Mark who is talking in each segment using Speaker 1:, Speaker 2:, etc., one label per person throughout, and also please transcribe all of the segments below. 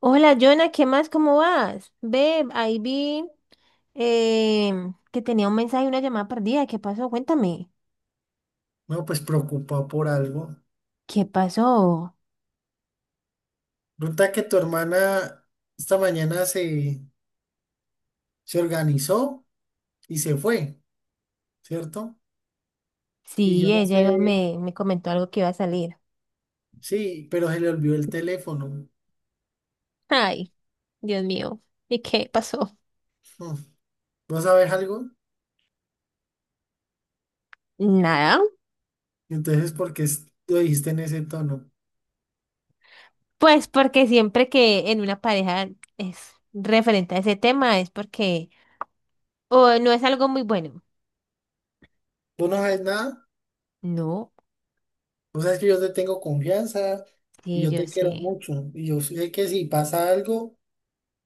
Speaker 1: Hola, Jonah, ¿qué más? ¿Cómo vas? Ve, ahí vi que tenía un mensaje y una llamada perdida. ¿Qué pasó? Cuéntame.
Speaker 2: No, pues preocupado por algo.
Speaker 1: ¿Qué pasó?
Speaker 2: Resulta que tu hermana esta mañana se organizó y se fue, ¿cierto? Y yo
Speaker 1: Sí,
Speaker 2: no
Speaker 1: ella iba-
Speaker 2: sé,
Speaker 1: me comentó algo que iba a salir.
Speaker 2: sí, pero se le olvidó el teléfono.
Speaker 1: Ay, Dios mío. ¿Y qué pasó?
Speaker 2: Hmm. ¿Vos sabés algo?
Speaker 1: Nada.
Speaker 2: Entonces, ¿por qué lo dijiste en ese tono?
Speaker 1: Pues porque siempre que en una pareja es referente a ese tema es porque o no es algo muy bueno.
Speaker 2: ¿Tú no sabes nada?
Speaker 1: No,
Speaker 2: O sea, es que yo te tengo confianza y
Speaker 1: sí,
Speaker 2: yo
Speaker 1: yo
Speaker 2: te quiero
Speaker 1: sé.
Speaker 2: mucho. Y yo sé que si pasa algo,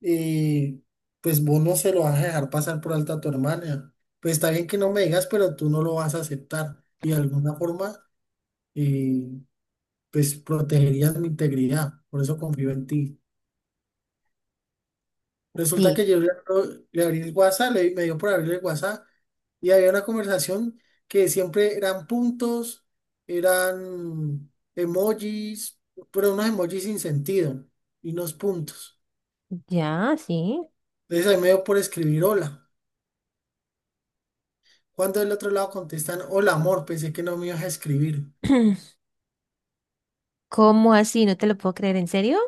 Speaker 2: y pues vos no se lo vas a dejar pasar por alto a tu hermana. Pues está bien que no me digas, pero tú no lo vas a aceptar. Y de alguna forma, eh, pues protegerías mi integridad. Por eso confío en ti. Resulta
Speaker 1: Sí,
Speaker 2: que le abrí el WhatsApp, me dio por abrirle el WhatsApp y había una conversación que siempre eran puntos, eran emojis, pero unos emojis sin sentido y unos puntos.
Speaker 1: ya, sí.
Speaker 2: Entonces ahí me dio por escribir hola. Cuando del otro lado contestan, hola amor, pensé que no me ibas a escribir.
Speaker 1: ¿Cómo así? No te lo puedo creer, ¿en serio?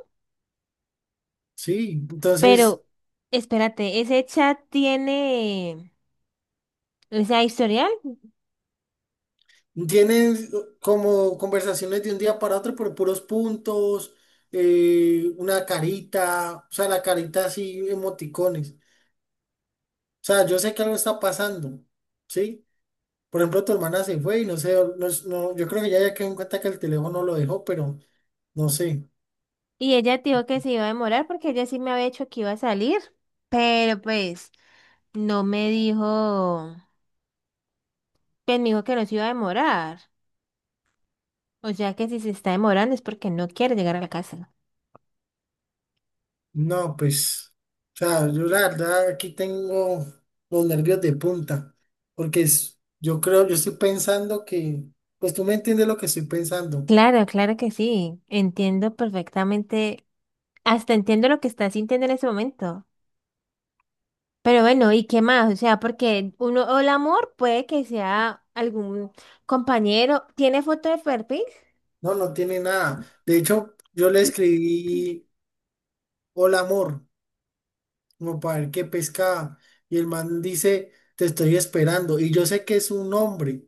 Speaker 2: Sí. Entonces,
Speaker 1: Pero espérate, ese chat tiene esa historial.
Speaker 2: tienen como conversaciones de un día para otro por puros puntos, una carita, o sea, la carita así, emoticones. O sea, yo sé que algo está pasando, ¿sí? Por ejemplo, tu hermana se fue y no sé, no, yo creo que ya quedó en cuenta que el teléfono lo dejó, pero no sé.
Speaker 1: Y ella dijo que se iba a demorar porque ella sí me había dicho que iba a salir, pero pues no me dijo, pues me dijo que no se iba a demorar. O sea que si se está demorando es porque no quiere llegar a la casa.
Speaker 2: No, pues, o sea, yo la verdad aquí tengo los nervios de punta, porque yo creo, yo estoy pensando que, pues tú me entiendes lo que estoy pensando.
Speaker 1: Claro, claro que sí, entiendo perfectamente, hasta entiendo lo que está sintiendo en ese momento. Pero bueno, ¿y qué más? O sea, porque uno, o el amor puede que sea algún compañero. ¿Tiene foto de perfil?
Speaker 2: No, no tiene nada. De hecho, yo le escribí hola amor, como para ver qué pescaba, y el man dice, te estoy esperando, y yo sé que es un hombre,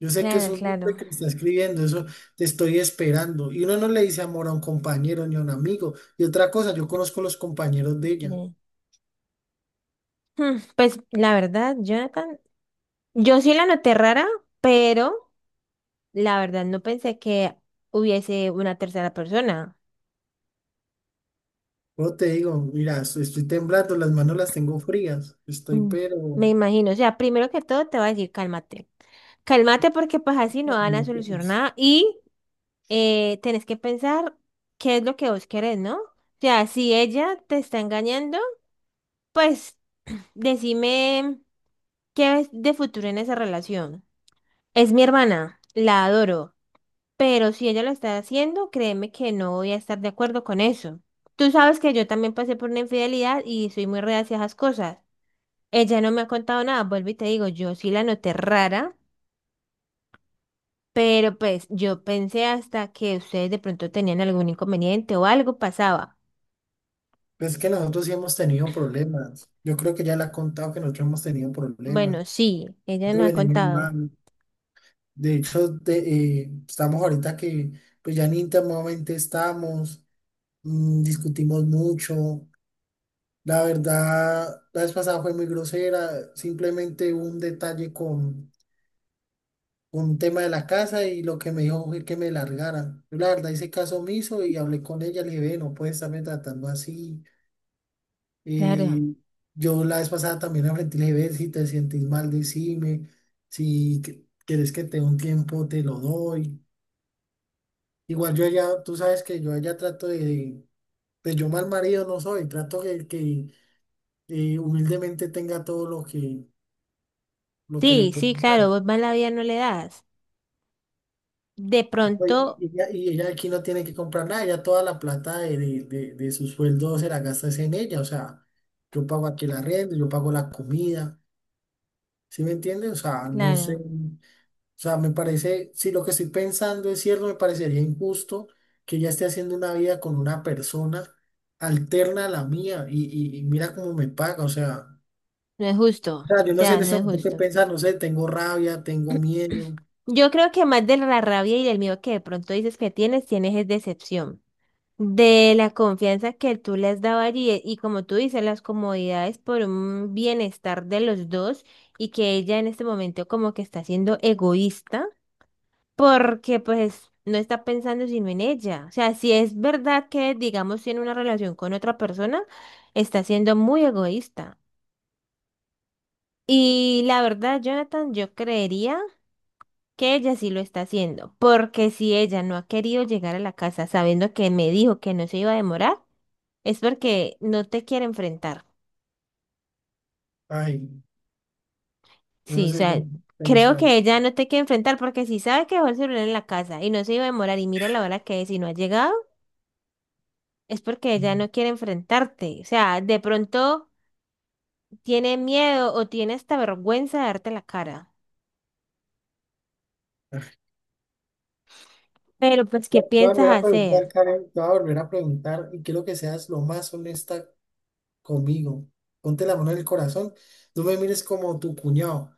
Speaker 2: yo sé que es
Speaker 1: Claro,
Speaker 2: un hombre
Speaker 1: claro.
Speaker 2: que le está escribiendo eso, te estoy esperando, y uno no le dice amor a un compañero ni a un amigo, y otra cosa, yo conozco los compañeros de ella.
Speaker 1: Bien. Hmm, pues la verdad, Jonathan, yo sí la noté rara, pero la verdad no pensé que hubiese una tercera persona.
Speaker 2: Yo te digo, mira, estoy temblando, las manos las tengo frías, estoy
Speaker 1: Mm, me
Speaker 2: pero
Speaker 1: imagino, o sea, primero que todo te va a decir cálmate. Cálmate porque pues así no van a
Speaker 2: no,
Speaker 1: solucionar
Speaker 2: pues
Speaker 1: nada y tenés que pensar qué es lo que vos querés, ¿no? O sea, si ella te está engañando, pues decime qué es de futuro en esa relación. Es mi hermana, la adoro, pero si ella lo está haciendo, créeme que no voy a estar de acuerdo con eso. Tú sabes que yo también pasé por una infidelidad y soy muy reacia a esas cosas. Ella no me ha contado nada, vuelvo y te digo, yo sí la noté rara. Pero pues yo pensé hasta que ustedes de pronto tenían algún inconveniente o algo pasaba.
Speaker 2: es que nosotros sí hemos tenido problemas, yo creo que ya le ha contado que nosotros hemos tenido problemas,
Speaker 1: Bueno, sí, ella nos ha
Speaker 2: nosotros venimos
Speaker 1: contado.
Speaker 2: mal, de hecho estamos ahorita que pues ya ni íntimamente estamos, mm, discutimos mucho. La verdad la vez pasada fue muy grosera, simplemente hubo un detalle un tema de la casa y lo que me dijo fue que me largara. Yo la verdad hice caso omiso y hablé con ella, le dije, ve, no puedes estarme tratando así.
Speaker 1: Claro.
Speaker 2: Y yo la vez pasada también la frente y le dije, ve, si te sientes mal, decime, si quieres que te dé un tiempo, te lo doy. Igual yo allá, tú sabes que yo allá de yo mal marido no soy, trato que, que humildemente tenga todo lo que le
Speaker 1: Sí,
Speaker 2: puedo
Speaker 1: sí, claro,
Speaker 2: dar.
Speaker 1: vos más la vida no le das. De
Speaker 2: Oye,
Speaker 1: pronto,
Speaker 2: Y ella aquí no tiene que comprar nada, ella toda la plata de su sueldo se la gasta es en ella, o sea, yo pago aquí la renta, yo pago la comida, ¿sí me entiendes? O sea, no sé, o
Speaker 1: claro,
Speaker 2: sea, me parece, si lo que estoy pensando es cierto, me parecería injusto que ella esté haciendo una vida con una persona alterna a la mía, y mira cómo me paga,
Speaker 1: no es justo.
Speaker 2: o sea,
Speaker 1: O
Speaker 2: yo no sé,
Speaker 1: sea,
Speaker 2: en
Speaker 1: no
Speaker 2: eso
Speaker 1: es
Speaker 2: tengo que
Speaker 1: justo.
Speaker 2: pensar, no sé, tengo rabia, tengo miedo,
Speaker 1: Yo creo que más de la rabia y del miedo que de pronto dices que tienes, tienes es decepción. De la confianza que tú le has dado allí, y como tú dices, las comodidades por un bienestar de los dos y que ella en este momento como que está siendo egoísta porque pues no está pensando sino en ella. O sea, si es verdad que, digamos, tiene una relación con otra persona, está siendo muy egoísta. Y la verdad, Jonathan, yo creería que ella sí lo está haciendo, porque si ella no ha querido llegar a la casa sabiendo que me dijo que no se iba a demorar, es porque no te quiere enfrentar.
Speaker 2: ay, no
Speaker 1: Sí, o
Speaker 2: sé qué
Speaker 1: sea, creo
Speaker 2: pensar.
Speaker 1: que ella no te quiere enfrentar porque si sabe que dejó el celular en la casa y no se iba a demorar y mira la hora que es y no ha llegado. Es porque ya no quiere enfrentarte. O sea, de pronto tiene miedo o tiene esta vergüenza de darte la cara. Pero pues,
Speaker 2: Te
Speaker 1: ¿qué
Speaker 2: voy a
Speaker 1: piensas
Speaker 2: volver a
Speaker 1: hacer?
Speaker 2: preguntar, Karen, te voy a volver a preguntar y quiero que seas lo más honesta conmigo. Ponte la mano en el corazón. No me mires como tu cuñado,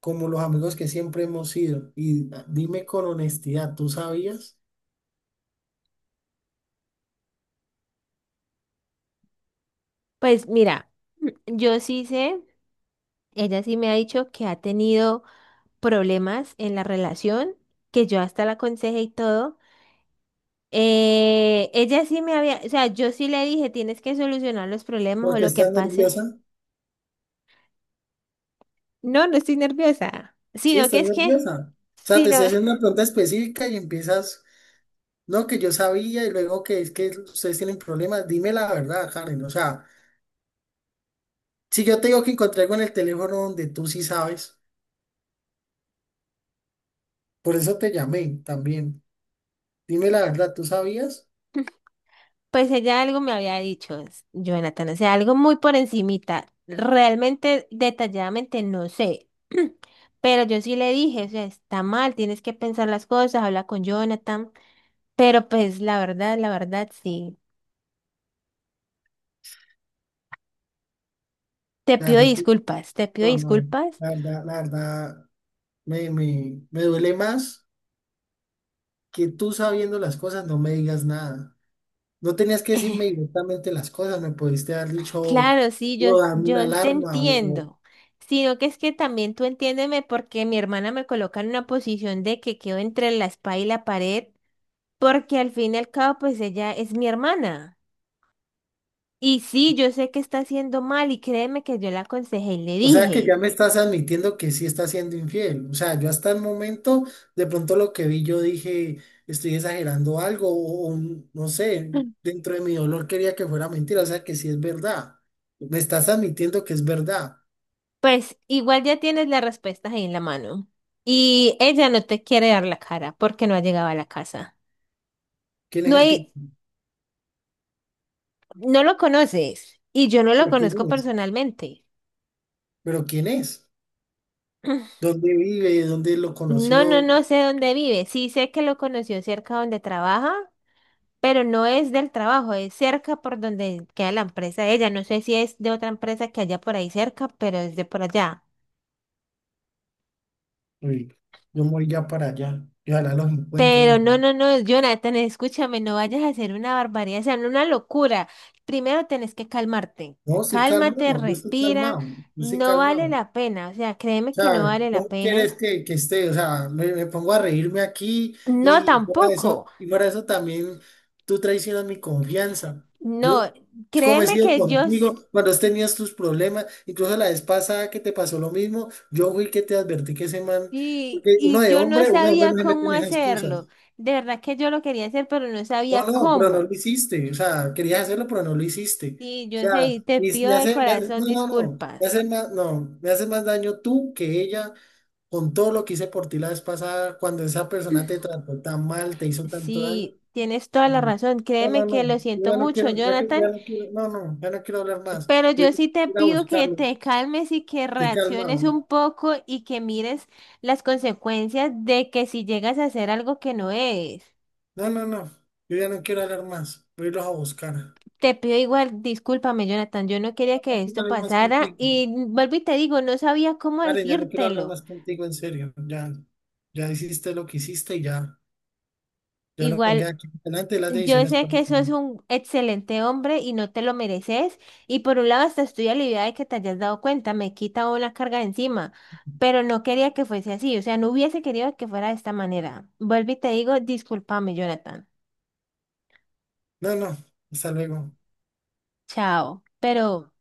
Speaker 2: como los amigos que siempre hemos sido. Y dime con honestidad, ¿tú sabías?
Speaker 1: Pues mira, yo sí sé, ella sí me ha dicho que ha tenido problemas en la relación, que yo hasta la aconsejé y todo. Ella sí me había, o sea, yo sí le dije, tienes que solucionar los problemas
Speaker 2: ¿Por
Speaker 1: o
Speaker 2: qué
Speaker 1: lo que
Speaker 2: estás
Speaker 1: pase.
Speaker 2: nerviosa?
Speaker 1: No, no estoy nerviosa,
Speaker 2: Sí,
Speaker 1: sino que
Speaker 2: estás
Speaker 1: es que,
Speaker 2: nerviosa. O sea, te
Speaker 1: sino
Speaker 2: estoy haciendo una pregunta específica y empiezas, no, que yo sabía y luego que es que ustedes tienen problemas. Dime la verdad, Karen. O sea, si yo te digo que encontré algo en el teléfono donde tú sí sabes, por eso te llamé también. Dime la verdad, ¿tú sabías?
Speaker 1: Pues ella algo me había dicho, s- Jonathan, o sea, algo muy por encimita. Realmente, detalladamente, no sé. Pero yo sí le dije, o sea, está mal, tienes que pensar las cosas, habla con Jonathan. Pero pues la verdad, sí. Te
Speaker 2: La
Speaker 1: pido
Speaker 2: verdad, tú-
Speaker 1: disculpas, te pido
Speaker 2: no, no,
Speaker 1: disculpas.
Speaker 2: la verdad, me duele más que tú sabiendo las cosas no me digas nada. No tenías que decirme directamente las cosas, me pudiste haber dicho
Speaker 1: Claro, sí, yo,
Speaker 2: o darme una
Speaker 1: yo te
Speaker 2: alarma o,
Speaker 1: entiendo. Sino que es que también tú entiéndeme porque mi hermana me coloca en una posición de que quedo entre la espada y la pared, porque al fin y al cabo, pues ella es mi hermana. Y sí, yo sé que está haciendo mal y créeme que yo la aconsejé y le
Speaker 2: o sea que
Speaker 1: dije,
Speaker 2: ya me estás admitiendo que sí estás siendo infiel. O sea, yo hasta el momento, de pronto lo que vi, yo dije, estoy exagerando algo o no sé, dentro de mi dolor quería que fuera mentira, o sea que sí es verdad. Me estás admitiendo que es verdad.
Speaker 1: pues igual ya tienes las respuestas ahí en la mano. Y ella no te quiere dar la cara porque no ha llegado a la casa.
Speaker 2: ¿Quién es
Speaker 1: No
Speaker 2: el tipo?
Speaker 1: hay, no lo conoces y yo no lo
Speaker 2: ¿Pero quién
Speaker 1: conozco
Speaker 2: es?
Speaker 1: personalmente.
Speaker 2: ¿Pero quién es? ¿Dónde vive? ¿Dónde lo
Speaker 1: No, no,
Speaker 2: conoció?
Speaker 1: no sé dónde vive. Sí sé que lo conoció cerca donde trabaja, pero no es del trabajo, es cerca por donde queda la empresa de ella. No sé si es de otra empresa que haya por ahí cerca, pero es de por allá.
Speaker 2: Uy, yo me voy ya para allá. Y ojalá los
Speaker 1: Pero
Speaker 2: encuentren.
Speaker 1: no, no, no, Jonathan, escúchame, no vayas a hacer una barbaridad, o sea, no una locura. Primero tenés que calmarte.
Speaker 2: No, sí,
Speaker 1: Cálmate,
Speaker 2: calmado. Yo estoy
Speaker 1: respira.
Speaker 2: calmado. Yo estoy
Speaker 1: No vale
Speaker 2: calmado.
Speaker 1: la pena, o sea, créeme que no
Speaker 2: Sea,
Speaker 1: vale la
Speaker 2: ¿cómo quieres
Speaker 1: pena.
Speaker 2: que esté? O sea, me pongo a reírme aquí
Speaker 1: No, tampoco.
Speaker 2: y para eso también tú traicionas mi confianza.
Speaker 1: No,
Speaker 2: Yo como he
Speaker 1: créeme
Speaker 2: sido
Speaker 1: que yo s-
Speaker 2: contigo cuando has tenido tus problemas, incluso la vez pasada que te pasó lo mismo, yo fui el que te advertí que ese man,
Speaker 1: y,
Speaker 2: porque
Speaker 1: y yo no
Speaker 2: uno de hombre no
Speaker 1: sabía
Speaker 2: se mete
Speaker 1: cómo
Speaker 2: en esas cosas.
Speaker 1: hacerlo. De verdad que yo lo quería hacer, pero no
Speaker 2: No,
Speaker 1: sabía
Speaker 2: no, pero no
Speaker 1: cómo.
Speaker 2: lo hiciste, o sea, querías hacerlo, pero no lo hiciste.
Speaker 1: Sí,
Speaker 2: O
Speaker 1: yo sé,
Speaker 2: sea,
Speaker 1: y te pido de corazón
Speaker 2: no, no, no, me
Speaker 1: disculpas.
Speaker 2: hace más, no, me hace más daño tú que ella con todo lo que hice por ti la vez pasada, cuando esa persona te trató tan mal, te hizo tanto daño.
Speaker 1: Sí, tienes toda la
Speaker 2: Mm,
Speaker 1: razón.
Speaker 2: No,
Speaker 1: Créeme
Speaker 2: no,
Speaker 1: que
Speaker 2: no,
Speaker 1: lo
Speaker 2: yo
Speaker 1: siento
Speaker 2: ya no
Speaker 1: mucho,
Speaker 2: quiero, ya, ya
Speaker 1: Jonathan.
Speaker 2: no quiero, no, no, ya no quiero hablar más.
Speaker 1: Pero
Speaker 2: Voy a
Speaker 1: yo sí te
Speaker 2: ir a
Speaker 1: pido que te
Speaker 2: buscarlos,
Speaker 1: calmes y que
Speaker 2: estoy
Speaker 1: reacciones
Speaker 2: calmado.
Speaker 1: un poco y que mires las consecuencias de que si llegas a hacer algo que no es.
Speaker 2: No, no, no, yo ya no quiero hablar más, voy a irlos a buscar. No
Speaker 1: Te pido igual, discúlpame, Jonathan, yo no quería que
Speaker 2: quiero
Speaker 1: esto
Speaker 2: hablar más
Speaker 1: pasara
Speaker 2: contigo.
Speaker 1: y vuelvo y te digo, no sabía cómo
Speaker 2: Karen, ya no quiero hablar
Speaker 1: decírtelo.
Speaker 2: más contigo, en serio. Ya, ya hiciste lo que hiciste y ya, ya lo
Speaker 1: Igual
Speaker 2: venga aquí delante de las
Speaker 1: yo
Speaker 2: decisiones que
Speaker 1: sé
Speaker 2: vas
Speaker 1: que
Speaker 2: a
Speaker 1: eso es
Speaker 2: tomar.
Speaker 1: un excelente hombre y no te lo mereces. Y por un lado, hasta estoy aliviada de que te hayas dado cuenta, me quita una carga de encima. Pero no quería que fuese así, o sea, no hubiese querido que fuera de esta manera. Vuelvo y te digo, discúlpame, Jonathan.
Speaker 2: No, no, hasta luego.
Speaker 1: Chao. Pero.